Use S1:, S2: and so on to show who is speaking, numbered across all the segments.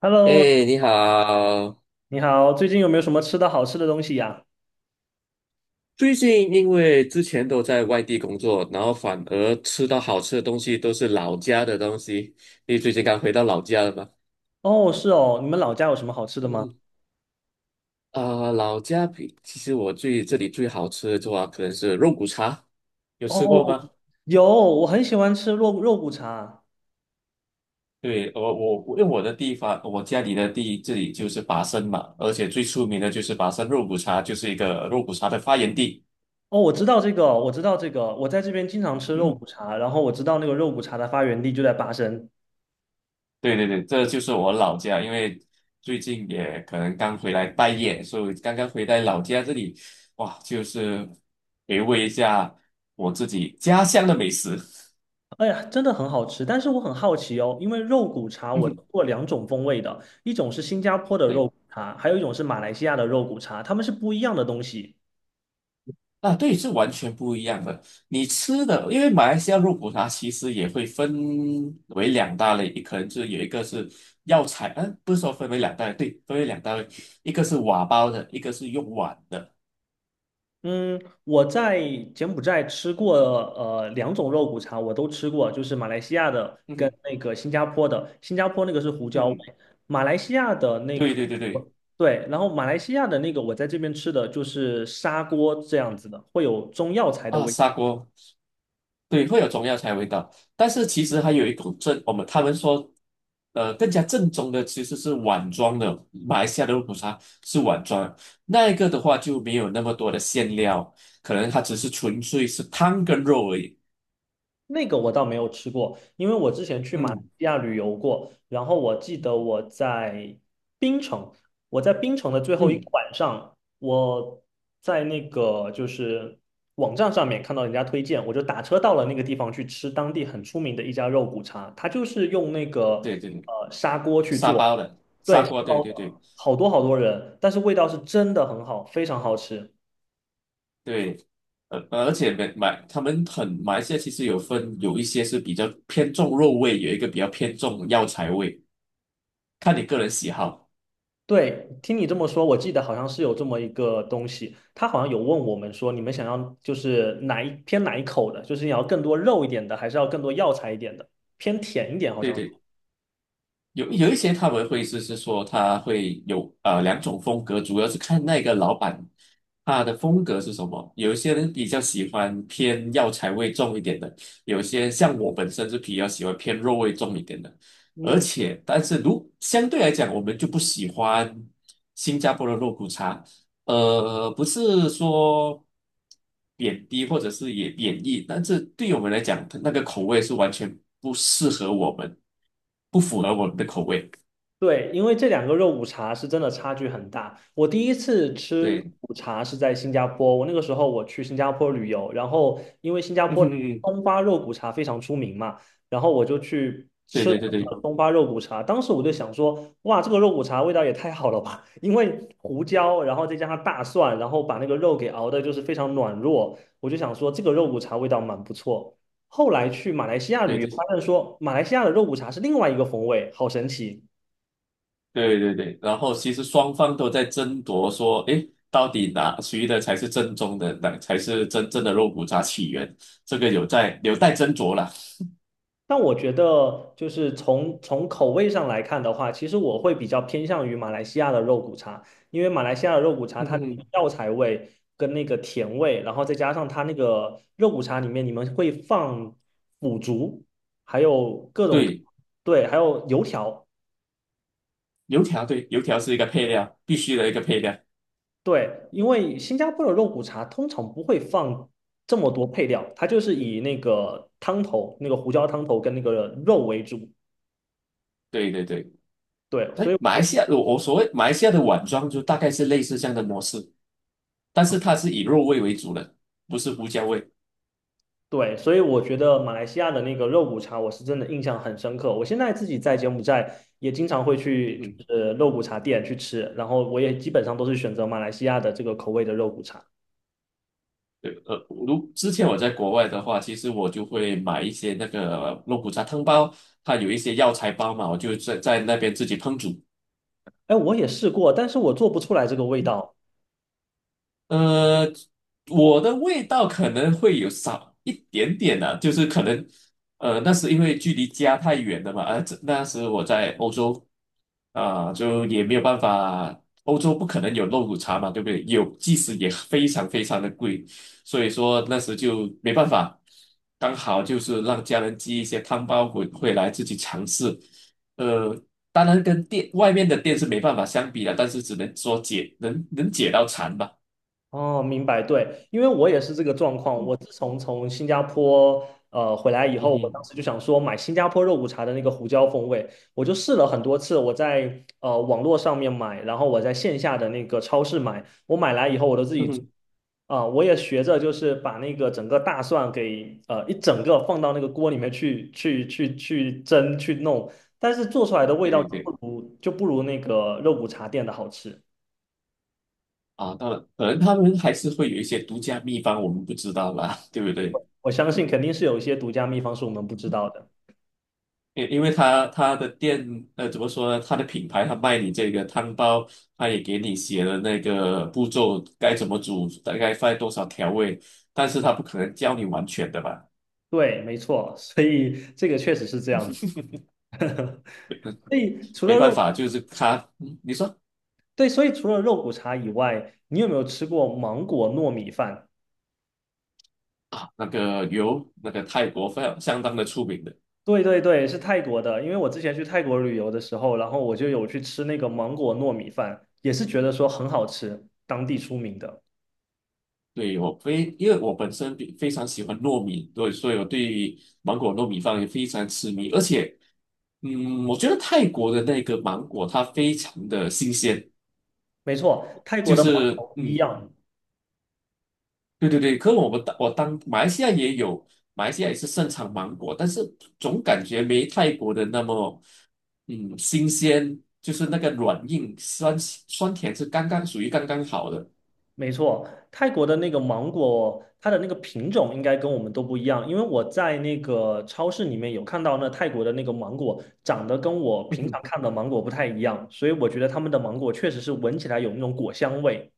S1: Hello，
S2: 哎，你好！
S1: 你好，最近有没有什么吃的好吃的东西呀？
S2: 最近因为之前都在外地工作，然后反而吃到好吃的东西都是老家的东西。你最近刚回到老家了吗？
S1: 哦，是哦，你们老家有什么好吃的吗？
S2: 嗯，老家比其实我最这里最好吃的话，可能是肉骨茶，有吃过
S1: 哦，
S2: 吗？
S1: 有，我很喜欢吃肉骨茶。
S2: 对，我因为我的地方，我家里的地这里就是拔升嘛，而且最出名的就是拔升肉骨茶，就是一个肉骨茶的发源地。
S1: 哦，我知道这个，我知道这个，我在这边经常吃肉
S2: 嗯
S1: 骨茶，然后我知道那个肉骨茶的发源地就在巴生。
S2: 对，这就是我老家，因为最近也可能刚回来待业，所以刚刚回来老家这里，哇，就是回味一下我自己家乡的美食。
S1: 哎呀，真的很好吃，但是我很好奇哦，因为肉骨茶我吃
S2: 嗯，
S1: 过两种风味的，一种是新加坡的肉
S2: 对，
S1: 骨茶，还有一种是马来西亚的肉骨茶，它们是不一样的东西。
S2: 啊，对，是完全不一样的。你吃的，因为马来西亚肉骨茶其实也会分为两大类，可能是有一个是药材，不是说分为两大类，对，分为两大类，一个是瓦煲的，一个是用碗的。
S1: 嗯，我在柬埔寨吃过两种肉骨茶，我都吃过，就是马来西亚的
S2: 嗯
S1: 跟
S2: 哼
S1: 那个新加坡的。新加坡那个是胡
S2: 嗯
S1: 椒味，
S2: 哼，
S1: 马来西亚的那
S2: 对
S1: 个
S2: 对对对。
S1: 我对，然后马来西亚的那个我在这边吃的就是砂锅这样子的，会有中药材的
S2: 啊，
S1: 味。
S2: 砂锅，对，会有中药材味道，但是其实还有一种正，我们他们说，更加正宗的其实是碗装的，马来西亚的肉骨茶是碗装的那一个的话就没有那么多的馅料，可能它只是纯粹是汤跟肉而已。
S1: 那个我倒没有吃过，因为我之前去马来
S2: 嗯
S1: 西亚旅游过，然后我记得我在槟城，我在槟城的最后一个
S2: 嗯，
S1: 晚上，我在那个就是网站上面看到人家推荐，我就打车到了那个地方去吃当地很出名的一家肉骨茶，它就是用那个
S2: 对，
S1: 砂锅去
S2: 沙
S1: 做，
S2: 包的
S1: 对，
S2: 砂
S1: 砂
S2: 锅，
S1: 锅
S2: 对对
S1: 包的，
S2: 对
S1: 好多好多人，但是味道是真的很好，非常好吃。
S2: 对，而且买他们很马来西亚其实有分，有一些是比较偏重肉味，有一个比较偏重药材味，看你个人喜好。
S1: 对，听你这么说，我记得好像是有这么一个东西，他好像有问我们说，你们想要就是哪一偏哪一口的，就是你要更多肉一点的，还是要更多药材一点的，偏甜一点好
S2: 对
S1: 像。
S2: 对，有一些他们会是说他会有两种风格，主要是看那个老板他的风格是什么。有一些人比较喜欢偏药材味重一点的，有些像我本身是比较喜欢偏肉味重一点的。而
S1: 嗯。
S2: 且，但是如相对来讲，我们就不喜欢新加坡的肉骨茶，不是说贬低或者是也贬义，但是对于我们来讲，那个口味是完全不适合我们，不符合我们的口味。
S1: 对，因为这两个肉骨茶是真的差距很大。我第一次吃肉
S2: 对，
S1: 骨茶是在新加坡，我那个时候我去新加坡旅游，然后因为新加
S2: 嗯
S1: 坡
S2: 哼
S1: 的
S2: 哼，
S1: 松花肉骨茶非常出名嘛，然后我就去
S2: 对
S1: 吃了
S2: 对对对
S1: 东巴肉骨茶。当时我就想说，哇，这个肉骨茶味道也太好了吧！因为胡椒，然后再加上大蒜，然后把那个肉给熬的就是非常软糯，我就想说这个肉骨茶味道蛮不错。后来去马来西亚
S2: 对
S1: 旅游，
S2: 对
S1: 发现说马来西亚的肉骨茶是另外一个风味，好神奇。
S2: 对。然后其实双方都在争夺说，诶，到底哪谁的才是正宗的，哪才是真正的肉骨茶起源？这个有在有待斟酌了。
S1: 但我觉得，就是从口味上来看的话，其实我会比较偏向于马来西亚的肉骨茶，因为马来西亚的肉骨茶
S2: 嗯
S1: 它
S2: 哼
S1: 的
S2: 哼，
S1: 药材味跟那个甜味，然后再加上它那个肉骨茶里面你们会放腐竹，还有各种
S2: 对，
S1: 对，还有油条，
S2: 油条对，油条是一个配料，必须的一个配料。
S1: 对，因为新加坡的肉骨茶通常不会放这么多配料，它就是以那个汤头、那个胡椒汤头跟那个肉为主，
S2: 对。
S1: 对，
S2: 哎，
S1: 所以。
S2: 马来西亚，我所谓马来西亚的碗装就大概是类似这样的模式，但是它是以肉味为主的，不是胡椒味。
S1: 对，所以我觉得马来西亚的那个肉骨茶，我是真的印象很深刻。我现在自己在柬埔寨也经常会
S2: 嗯
S1: 去，
S2: 哼，
S1: 就是肉骨茶店去吃，然后我也基本上都是选择马来西亚的这个口味的肉骨茶。
S2: 对，如之前我在国外的话，其实我就会买一些那个肉骨茶汤包，它有一些药材包嘛，我就在那边自己烹煮。
S1: 哎，我也试过，但是我做不出来这个味道。
S2: 呃，我的味道可能会有少一点点的、就是可能，那是因为距离家太远了嘛，这那时我在欧洲，就也没有办法，欧洲不可能有肉骨茶嘛，对不对？有，即使也非常非常的贵，所以说那时就没办法，刚好就是让家人寄一些汤包回来自己尝试，呃，当然跟店外面的店是没办法相比的，但是只能说解能解到馋吧。
S1: 哦，明白，对，因为我也是这个状况。我自从从新加坡回来以
S2: 嗯
S1: 后，我当
S2: 哼，
S1: 时就想说买新加坡肉骨茶的那个胡椒风味，我就试了很多次。我在网络上面买，然后我在线下的那个超市买，我买来以后我都自
S2: 嗯
S1: 己做
S2: 哼，
S1: 啊、我也学着就是把那个整个大蒜给一整个放到那个锅里面去蒸去弄，但是做出来的味
S2: 对
S1: 道就
S2: 对
S1: 不
S2: 对，
S1: 如就不如那个肉骨茶店的好吃。
S2: 啊，当然，可能他们还是会有一些独家秘方，我们不知道啦，对不对？
S1: 我相信肯定是有一些独家秘方是我们不知道的。
S2: 因为他的店，怎么说呢？他的品牌，他卖你这个汤包，他也给你写了那个步骤，该怎么煮，大概放多少调味，但是他不可能教你完全的吧？
S1: 对，没错，所以这个确实是这样子。
S2: 没
S1: 所以除
S2: 没
S1: 了
S2: 办
S1: 肉，
S2: 法，就是他，嗯你说
S1: 对，所以除了肉骨茶以外，你有没有吃过芒果糯米饭？
S2: 啊，那个油，那个泰国非常相当的出名的。
S1: 对对对，是泰国的。因为我之前去泰国旅游的时候，然后我就有去吃那个芒果糯米饭，也是觉得说很好吃，当地出名的。
S2: 对，我非，因为我本身比非常喜欢糯米，对，所以我对芒果糯米饭也非常痴迷。而且，嗯，我觉得泰国的那个芒果它非常的新鲜，
S1: 没错，泰国
S2: 就
S1: 的芒
S2: 是，
S1: 果不一
S2: 嗯，
S1: 样。
S2: 对。可我们当我当马来西亚也有，马来西亚也是盛产芒果，但是总感觉没泰国的那么，嗯，新鲜，就是那个软硬酸酸甜是刚刚属于刚刚好的。
S1: 没错，泰国的那个芒果，它的那个品种应该跟我们都不一样，因为我在那个超市里面有看到那泰国的那个芒果长得跟我平常 看的芒果不太一样，所以我觉得他们的芒果确实是闻起来有那种果香味。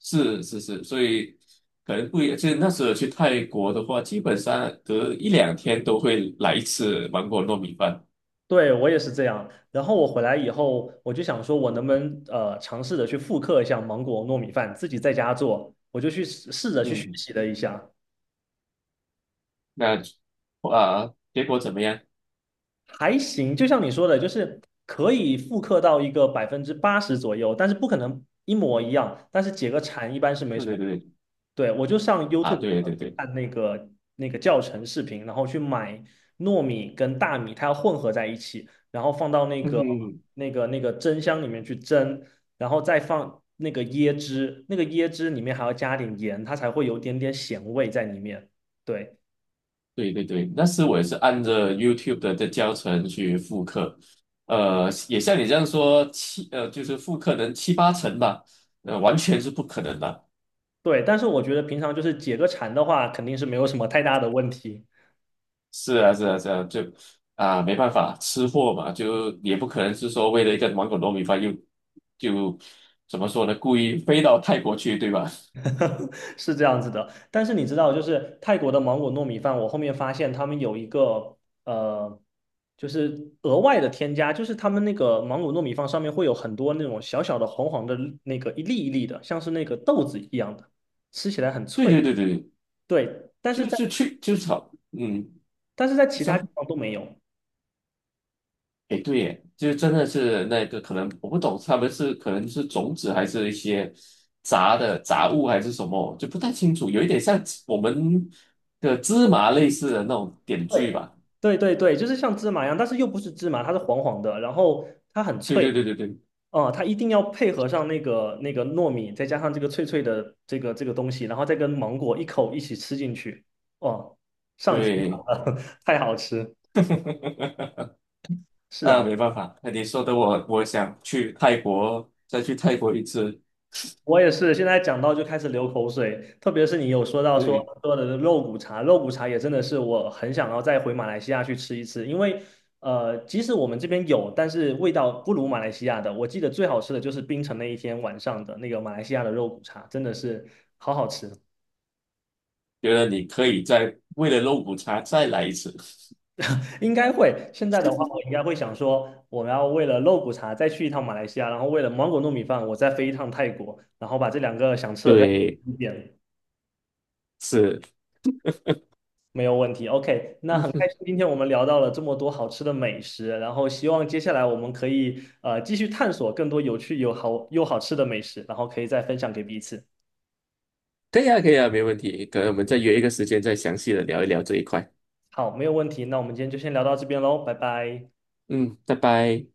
S2: 是是是，所以可能不一样。就是那时候去泰国的话，基本上隔一两天都会来一次芒果糯米饭。
S1: 对，我也是这样。然后我回来以后，我就想说，我能不能尝试着去复刻一下芒果糯米饭，自己在家做，我就去试试着去学
S2: 嗯，
S1: 习了一下。
S2: 那啊，结果怎么样？
S1: 还行，就像你说的，就是可以复刻到一个80%左右，但是不可能一模一样。但是解个馋一般是没
S2: 对
S1: 什
S2: 对
S1: 么。
S2: 对
S1: 对，我就上
S2: 啊，
S1: YouTube
S2: 对对
S1: 去
S2: 对，
S1: 看那个那个教程视频，然后去买糯米跟大米，它要混合在一起，然后放到那
S2: 嗯
S1: 个
S2: 哼，
S1: 那个那个蒸箱里面去蒸，然后再放那个椰汁，那个椰汁里面还要加点盐，它才会有点点咸味在里面。对，
S2: 对，那时我也是按着 YouTube 的教程去复刻，也像你这样说七就是复刻能七八成吧，完全是不可能的。
S1: 对，但是我觉得平常就是解个馋的话，肯定是没有什么太大的问题，
S2: 是啊，是啊，是啊，就啊，没办法，吃货嘛，就也不可能是说为了一个芒果糯米饭又就怎么说呢，故意飞到泰国去，对吧？
S1: 是这样子的。但是你知道，就是泰国的芒果糯米饭，我后面发现他们有一个呃，就是额外的添加，就是他们那个芒果糯米饭上面会有很多那种小小的黄黄的那个一粒一粒的，像是那个豆子一样的，吃起来很
S2: 对
S1: 脆。
S2: 对对对，
S1: 对，但是
S2: 就
S1: 在
S2: 是去就是好，嗯，
S1: 但是在
S2: 你
S1: 其他地
S2: 说，
S1: 方都没有。
S2: 哎，对耶，就真的是那个可能我不懂，他们是可能是种子还是一些杂的杂物还是什么，就不太清楚，有一点像我们的芝麻类似的那种点缀
S1: 对。
S2: 吧。
S1: 对对对，就是像芝麻一样，但是又不是芝麻，它是黄黄的，然后它很
S2: 对
S1: 脆，
S2: 对对对对
S1: 哦，它一定要配合上那个那个糯米，再加上这个脆脆的这个这个东西，然后再跟芒果一口一起吃进去，哦，上天
S2: 对。
S1: 了，太好吃！是
S2: 啊，
S1: 啊，
S2: 没办法，那你说的我，我想去泰国，再去泰国一次，
S1: 我也是，现在讲到就开始流口水，特别是你有说到说
S2: 对，
S1: 喝的肉骨茶，肉骨茶也真的是我很想要再回马来西亚去吃一次，因为即使我们这边有，但是味道不如马来西亚的。我记得最好吃的就是槟城那一天晚上的那个马来西亚的肉骨茶，真的是。
S2: 觉得你可以再为了肉骨茶再来一次。
S1: 应该会。现在的话，我应该会想说，我们要为了肉骨茶再去一趟马来西亚，然后为了芒果糯米饭，我再飞一趟泰国，然后把这两个想吃的再
S2: 对，
S1: 点，
S2: 是，
S1: 没有问题。OK，那
S2: 嗯
S1: 很开
S2: 哼，
S1: 心，今天我们聊到了这么多好吃的美食，然后希望接下来我们可以继续探索更多有趣、有好又好吃的美食，然后可以再分享给彼此。
S2: 可以啊，可以啊，没问题。可能我们再约一个时间，再详细的聊一聊这一块。
S1: 好，没有问题。那我们今天就先聊到这边喽，拜拜。
S2: 嗯，拜拜。